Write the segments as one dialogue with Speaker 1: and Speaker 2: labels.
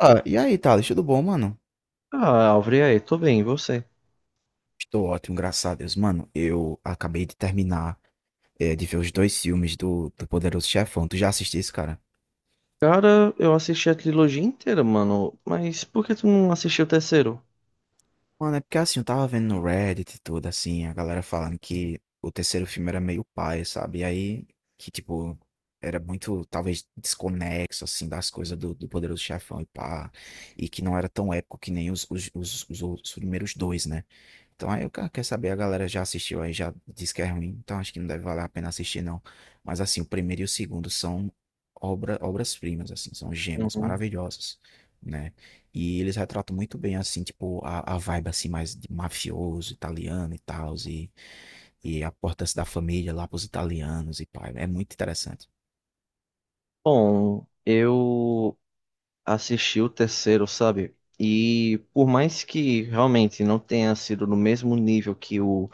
Speaker 1: Ah, e aí, Thales, tudo bom, mano?
Speaker 2: Ah, Alvre, e aí, tô bem, e você?
Speaker 1: Estou ótimo, graças a Deus. Mano, eu acabei de terminar de ver os dois filmes do Poderoso Chefão. Tu já assististe esse, cara?
Speaker 2: Cara, eu assisti a trilogia inteira, mano, mas por que tu não assistiu o terceiro?
Speaker 1: Mano, é porque assim, eu tava vendo no Reddit e tudo, assim, a galera falando que o terceiro filme era meio paia, sabe? E aí, que tipo, era muito, talvez, desconexo, assim, das coisas do Poderoso Chefão e pá. E que não era tão épico que nem os primeiros dois, né? Então aí o cara quer saber, a galera já assistiu aí, já disse que é ruim, então acho que não deve valer a pena assistir, não. Mas assim, o primeiro e o segundo são obras-primas, assim, são gemas
Speaker 2: Uhum.
Speaker 1: maravilhosas, né? E eles retratam muito bem, assim, tipo, a vibe, assim, mais de mafioso, italiano e tal, e a importância da família lá pros italianos e pai, é muito interessante.
Speaker 2: Bom, eu assisti o terceiro, sabe? E por mais que realmente não tenha sido no mesmo nível que o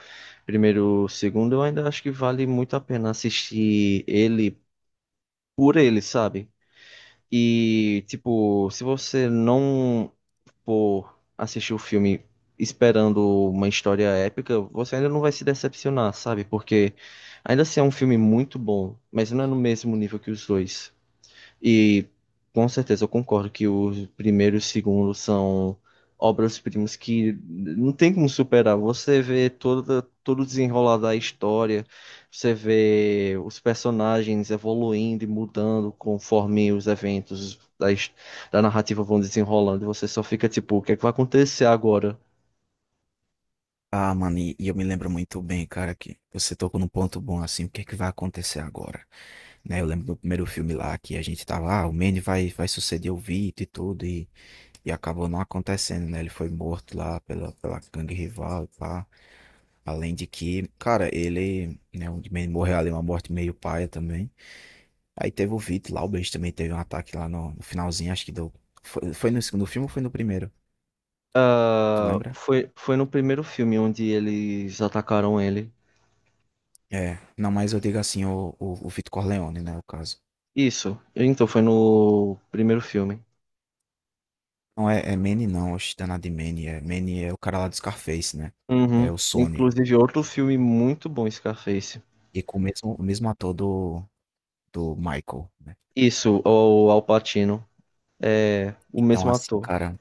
Speaker 2: primeiro, o segundo, eu ainda acho que vale muito a pena assistir ele por ele, sabe? E, tipo, se você não por assistir o filme esperando uma história épica, você ainda não vai se decepcionar, sabe? Porque ainda assim é um filme muito bom, mas não é no mesmo nível que os dois. E com certeza eu concordo que o primeiro e o segundo são obras-primas que não tem como superar. Você vê todo o desenrolar da história, você vê os personagens evoluindo e mudando conforme os eventos da narrativa vão desenrolando. E você só fica tipo, o que é que vai acontecer agora?
Speaker 1: Ah, mano, e eu me lembro muito bem, cara, que você tocou num ponto bom, assim, o que é que vai acontecer agora, né? Eu lembro do primeiro filme lá que a gente tava, ah, o Manny vai suceder o Vito e tudo, e acabou não acontecendo, né? Ele foi morto lá pela gangue rival e pá. Além de que, cara, ele, né, o Manny morreu ali, uma morte meio paia também. Aí teve o Vito lá, o Benji também teve um ataque lá no finalzinho, acho que deu. Foi, foi no segundo filme ou foi no primeiro? Tu
Speaker 2: Ah,
Speaker 1: lembra?
Speaker 2: foi no primeiro filme onde eles atacaram ele.
Speaker 1: É, não, mas eu digo assim, o Vito Corleone, né, o caso.
Speaker 2: Isso, então foi no primeiro filme.
Speaker 1: Não é, é Manny não, oxe, danado de Manny é o cara lá do Scarface, né?
Speaker 2: Uhum.
Speaker 1: É o Sonny.
Speaker 2: Inclusive, outro filme muito bom, Scarface.
Speaker 1: E com o mesmo, o mesmo ator do do Michael, né.
Speaker 2: Isso, o Al Pacino. É o
Speaker 1: Então
Speaker 2: mesmo
Speaker 1: assim,
Speaker 2: ator.
Speaker 1: cara,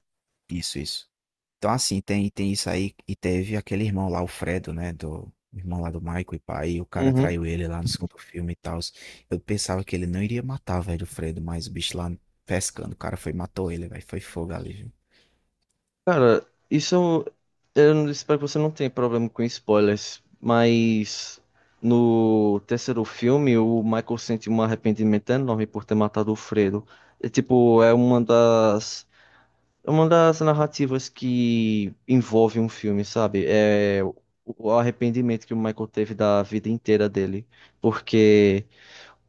Speaker 1: isso, isso. Então assim, tem isso aí e teve aquele irmão lá, o Fredo, né, do, o irmão lá do Michael e pai, e o cara
Speaker 2: Uhum.
Speaker 1: traiu ele lá no segundo filme e tal. Eu pensava que ele não iria matar, velho, o Fredo, mas o bicho lá pescando, o cara foi e matou ele, velho, foi fogo ali, viu.
Speaker 2: Cara, isso eu não- espero que você não tenha problema com spoilers, mas no terceiro filme o Michael sente um arrependimento enorme por ter matado o Fredo. É tipo, é uma das narrativas que envolve um filme, sabe? É o arrependimento que o Michael teve da vida inteira dele. Porque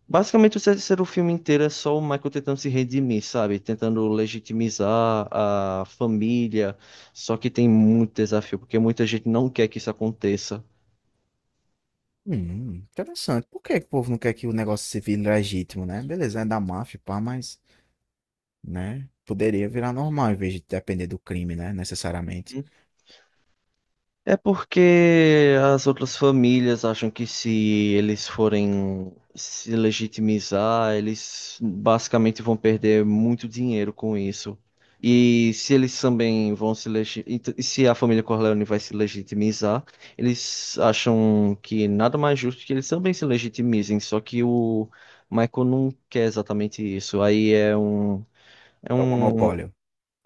Speaker 2: basicamente o terceiro filme inteiro é só o Michael tentando se redimir, sabe? Tentando legitimizar a família. Só que tem muito desafio, porque muita gente não quer que isso aconteça.
Speaker 1: Interessante. Por que que o povo não quer que o negócio se vire legítimo, né? Beleza, é da máfia pá, mas, né, poderia virar normal em vez de depender do crime, né, necessariamente.
Speaker 2: É porque as outras famílias acham que se eles forem se legitimizar, eles basicamente vão perder muito dinheiro com isso. E se eles também vão se legi... ent- se a família Corleone vai se legitimizar, eles acham que nada mais justo que eles também se legitimizem, só que o Michael não quer exatamente isso. Aí é um é
Speaker 1: É o
Speaker 2: um
Speaker 1: monopólio.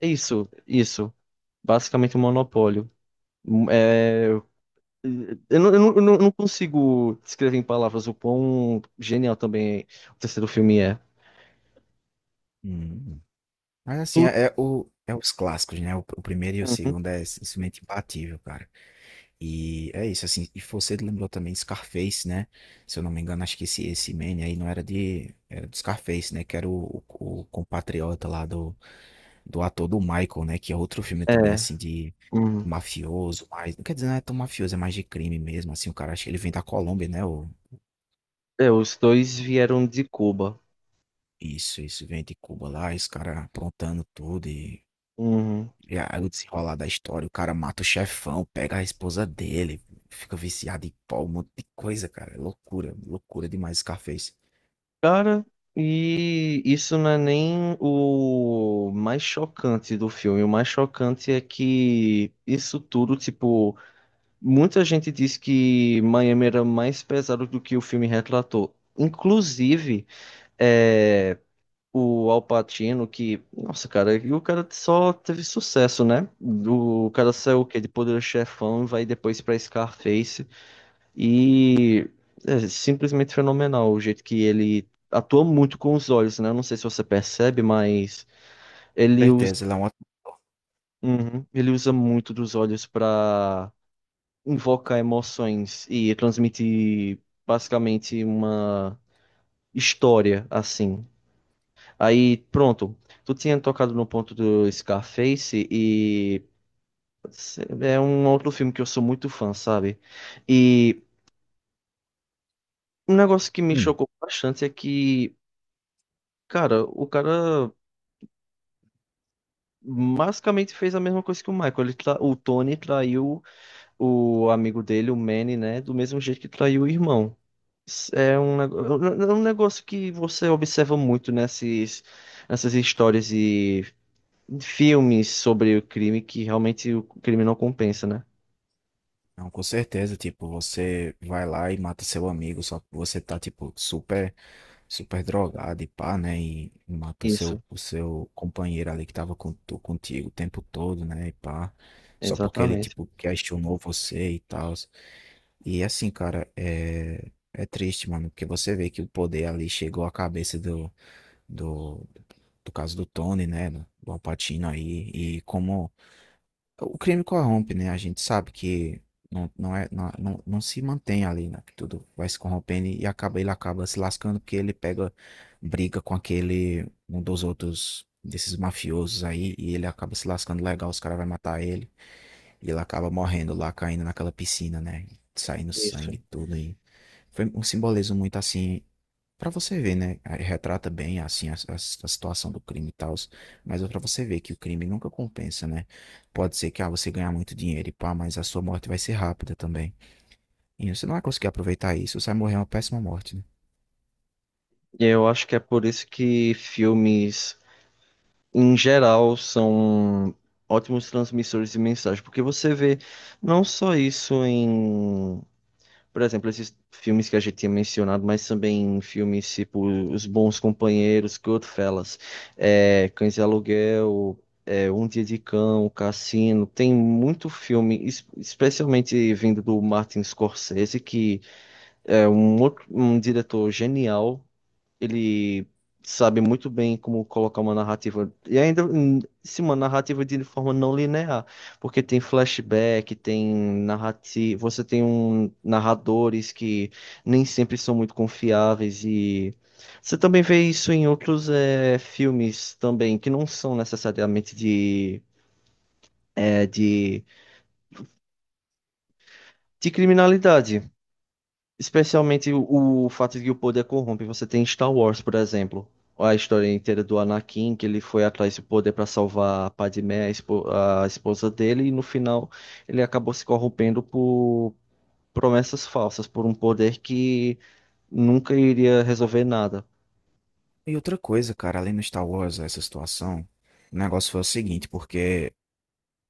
Speaker 2: é isso, basicamente um monopólio. Eu não consigo descrever em palavras o quão genial também o terceiro filme é.
Speaker 1: Hum. Mas assim,
Speaker 2: Tu-
Speaker 1: é, é o, é os clássicos, né? O primeiro e o
Speaker 2: Uhum.
Speaker 1: segundo é simplesmente imbatível, cara. E é isso, assim. E você lembrou também Scarface, né? Se eu não me engano, acho que esse man aí não era de. Era do Scarface, né? Que era o compatriota lá do, do ator do Michael, né? Que é outro filme também,
Speaker 2: É,
Speaker 1: assim, de
Speaker 2: uhum.
Speaker 1: mafioso, mas. Não quer dizer, não é tão mafioso, é mais de crime mesmo. Assim, o cara, acho que ele vem da Colômbia, né? O,
Speaker 2: É, os dois vieram de Cuba.
Speaker 1: isso, vem de Cuba lá, esse cara aprontando tudo. e
Speaker 2: Uhum.
Speaker 1: E aí o desenrolar da história, o cara mata o chefão, pega a esposa dele, fica viciado em pó, um monte de coisa, cara. É loucura, loucura demais Scarface.
Speaker 2: Cara, e isso não é nem o mais chocante do filme. O mais chocante é que isso tudo, tipo, muita gente diz que Miami era mais pesado do que o filme retratou. Inclusive, é. O Al Pacino, que, nossa, cara, e o cara só teve sucesso, né? Do, o cara saiu o quê? De Poderoso Chefão, vai depois pra Scarface e é simplesmente fenomenal o jeito que ele atua muito com os olhos, né? Eu não sei se você percebe, mas ele usa,
Speaker 1: Certeza, ele é um ótimo.
Speaker 2: uhum, ele usa muito dos olhos pra invocar emoções e transmitir basicamente uma história assim. Aí, pronto. Tu tinha tocado no ponto do Scarface e é um outro filme que eu sou muito fã, sabe? E um negócio que me
Speaker 1: Hum,
Speaker 2: chocou bastante é que, cara, o cara basicamente fez a mesma coisa que o Michael. O Tony traiu o amigo dele, o Manny, né? Do mesmo jeito que traiu o irmão. É um, nego- é um negócio que você observa muito nessas histórias e filmes sobre o crime, que realmente o crime não compensa, né?
Speaker 1: não, com certeza, tipo, você vai lá e mata seu amigo, só que você tá, tipo, super drogado e pá, né? E mata
Speaker 2: Isso,
Speaker 1: o seu companheiro ali que tava com, contigo o tempo todo, né? E pá. Só porque ele,
Speaker 2: exatamente.
Speaker 1: tipo, questionou você e tal. E assim, cara, é, é triste, mano, porque você vê que o poder ali chegou à cabeça do, do caso do Tony, né, do Al Pacino aí, e como o crime corrompe, né, a gente sabe que não, não é, não, não, não se mantém ali, né, que tudo vai se corrompendo e acaba, ele acaba se lascando porque ele pega, briga com aquele, um dos outros, desses mafiosos aí, e ele acaba se lascando legal, os caras vão matar ele. E ele acaba morrendo lá, caindo naquela piscina, né? Saindo
Speaker 2: Isso.
Speaker 1: sangue e tudo aí. Foi um simbolismo muito assim, pra você ver, né? Aí retrata bem assim a, a situação do crime e tal, mas é pra você ver que o crime nunca compensa, né? Pode ser que ah, você ganhar muito dinheiro e pá, mas a sua morte vai ser rápida também. E você não vai conseguir aproveitar isso, você vai morrer uma péssima morte, né?
Speaker 2: E eu acho que é por isso que filmes, em geral, são ótimos transmissores de mensagem, porque você vê não só isso em... Por exemplo, esses filmes que a gente tinha mencionado, mas também filmes tipo Os Bons Companheiros, Goodfellas, Cães de Aluguel, Um Dia de Cão, Cassino. Tem muito filme, especialmente vindo do Martin Scorsese, que é um, um diretor genial. Ele sabe muito bem como colocar uma narrativa. E ainda, sim, uma narrativa de forma não linear. Porque tem flashback, tem narrativa. Você tem um, narradores que nem sempre são muito confiáveis. E você também vê isso em outros filmes também, que não são necessariamente de, eh, de, de criminalidade. Especialmente o fato de que o poder corrompe. Você tem Star Wars, por exemplo. A história inteira do Anakin, que ele foi atrás do poder para salvar a Padmé, a esposa dele, e no final ele acabou se corrompendo por promessas falsas, por um poder que nunca iria resolver nada.
Speaker 1: E outra coisa, cara, além do Star Wars, essa situação, o negócio foi o seguinte, porque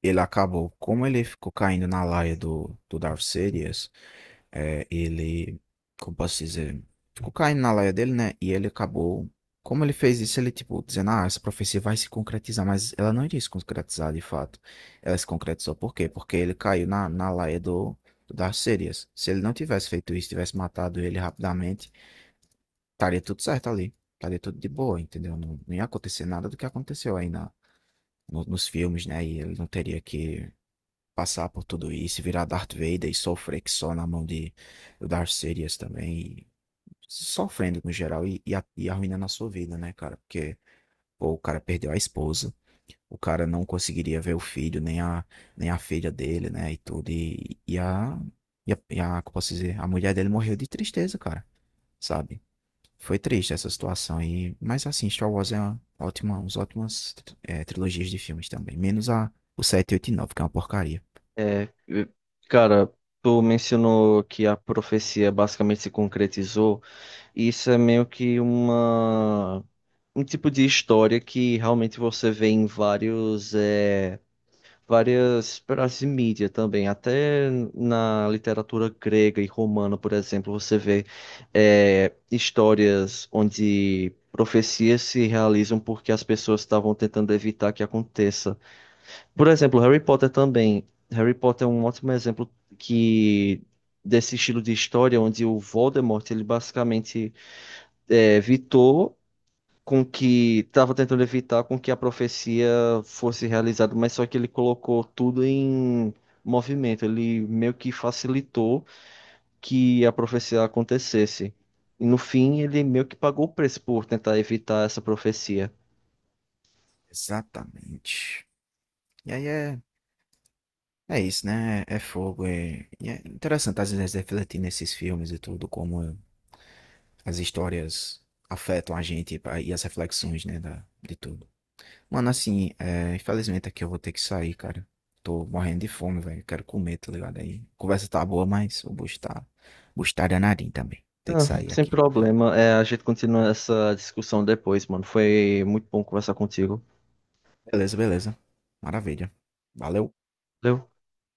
Speaker 1: ele acabou, como ele ficou caindo na laia do Darth Sidious, é, ele, como posso dizer, ficou caindo na laia dele, né? E ele acabou, como ele fez isso, ele tipo, dizendo, ah, essa profecia vai se concretizar, mas ela não iria se concretizar de fato. Ela se concretizou, por quê? Porque ele caiu na laia do, do Darth Sidious. Se ele não tivesse feito isso, tivesse matado ele rapidamente, estaria tudo certo ali. Estaria tudo de boa, entendeu? Não, não ia acontecer nada do que aconteceu aí na, nos filmes, né? E ele não teria que passar por tudo isso, e virar Darth Vader e sofrer que só na mão de do Darth Sidious também, e sofrendo no geral e, e arruinando a sua vida, né, cara? Porque pô, o cara perdeu a esposa, o cara não conseguiria ver o filho, nem a, nem a filha dele, né, e tudo, e, e a, como posso dizer, a mulher dele morreu de tristeza, cara, sabe? Foi triste essa situação e, mas assim, Star Wars é uma ótima, uns ótimas trilogias de filmes também, menos a, o 7, 8 e 9 que é uma porcaria.
Speaker 2: É, cara, tu mencionou que a profecia basicamente se concretizou. Isso é meio que uma... um tipo de história que realmente você vê em vários, várias peças de mídia também, até na literatura grega e romana, por exemplo, você vê histórias onde profecias se realizam porque as pessoas estavam tentando evitar que aconteça. Por exemplo, Harry Potter também. Harry Potter é um ótimo exemplo que desse estilo de história onde o Voldemort ele basicamente evitou com que estava tentando evitar com que a profecia fosse realizada, mas só que ele colocou tudo em movimento, ele meio que facilitou que a profecia acontecesse. E no fim, ele meio que pagou o preço por tentar evitar essa profecia.
Speaker 1: Exatamente. E aí é, é isso, né? É, é fogo. É, e é interessante às vezes refletir nesses filmes e tudo, como as histórias afetam a gente e e as reflexões, né, da, de tudo. Mano, assim, é, infelizmente aqui eu vou ter que sair, cara. Tô morrendo de fome, velho. Quero comer, tá ligado? Aí, a conversa tá boa, mas o bucho tá danadinho também. Tem que
Speaker 2: Ah,
Speaker 1: sair
Speaker 2: sem
Speaker 1: aqui.
Speaker 2: problema, é, a gente continua essa discussão depois, mano. Foi muito bom conversar contigo.
Speaker 1: Beleza, beleza. Maravilha. Valeu.
Speaker 2: Valeu.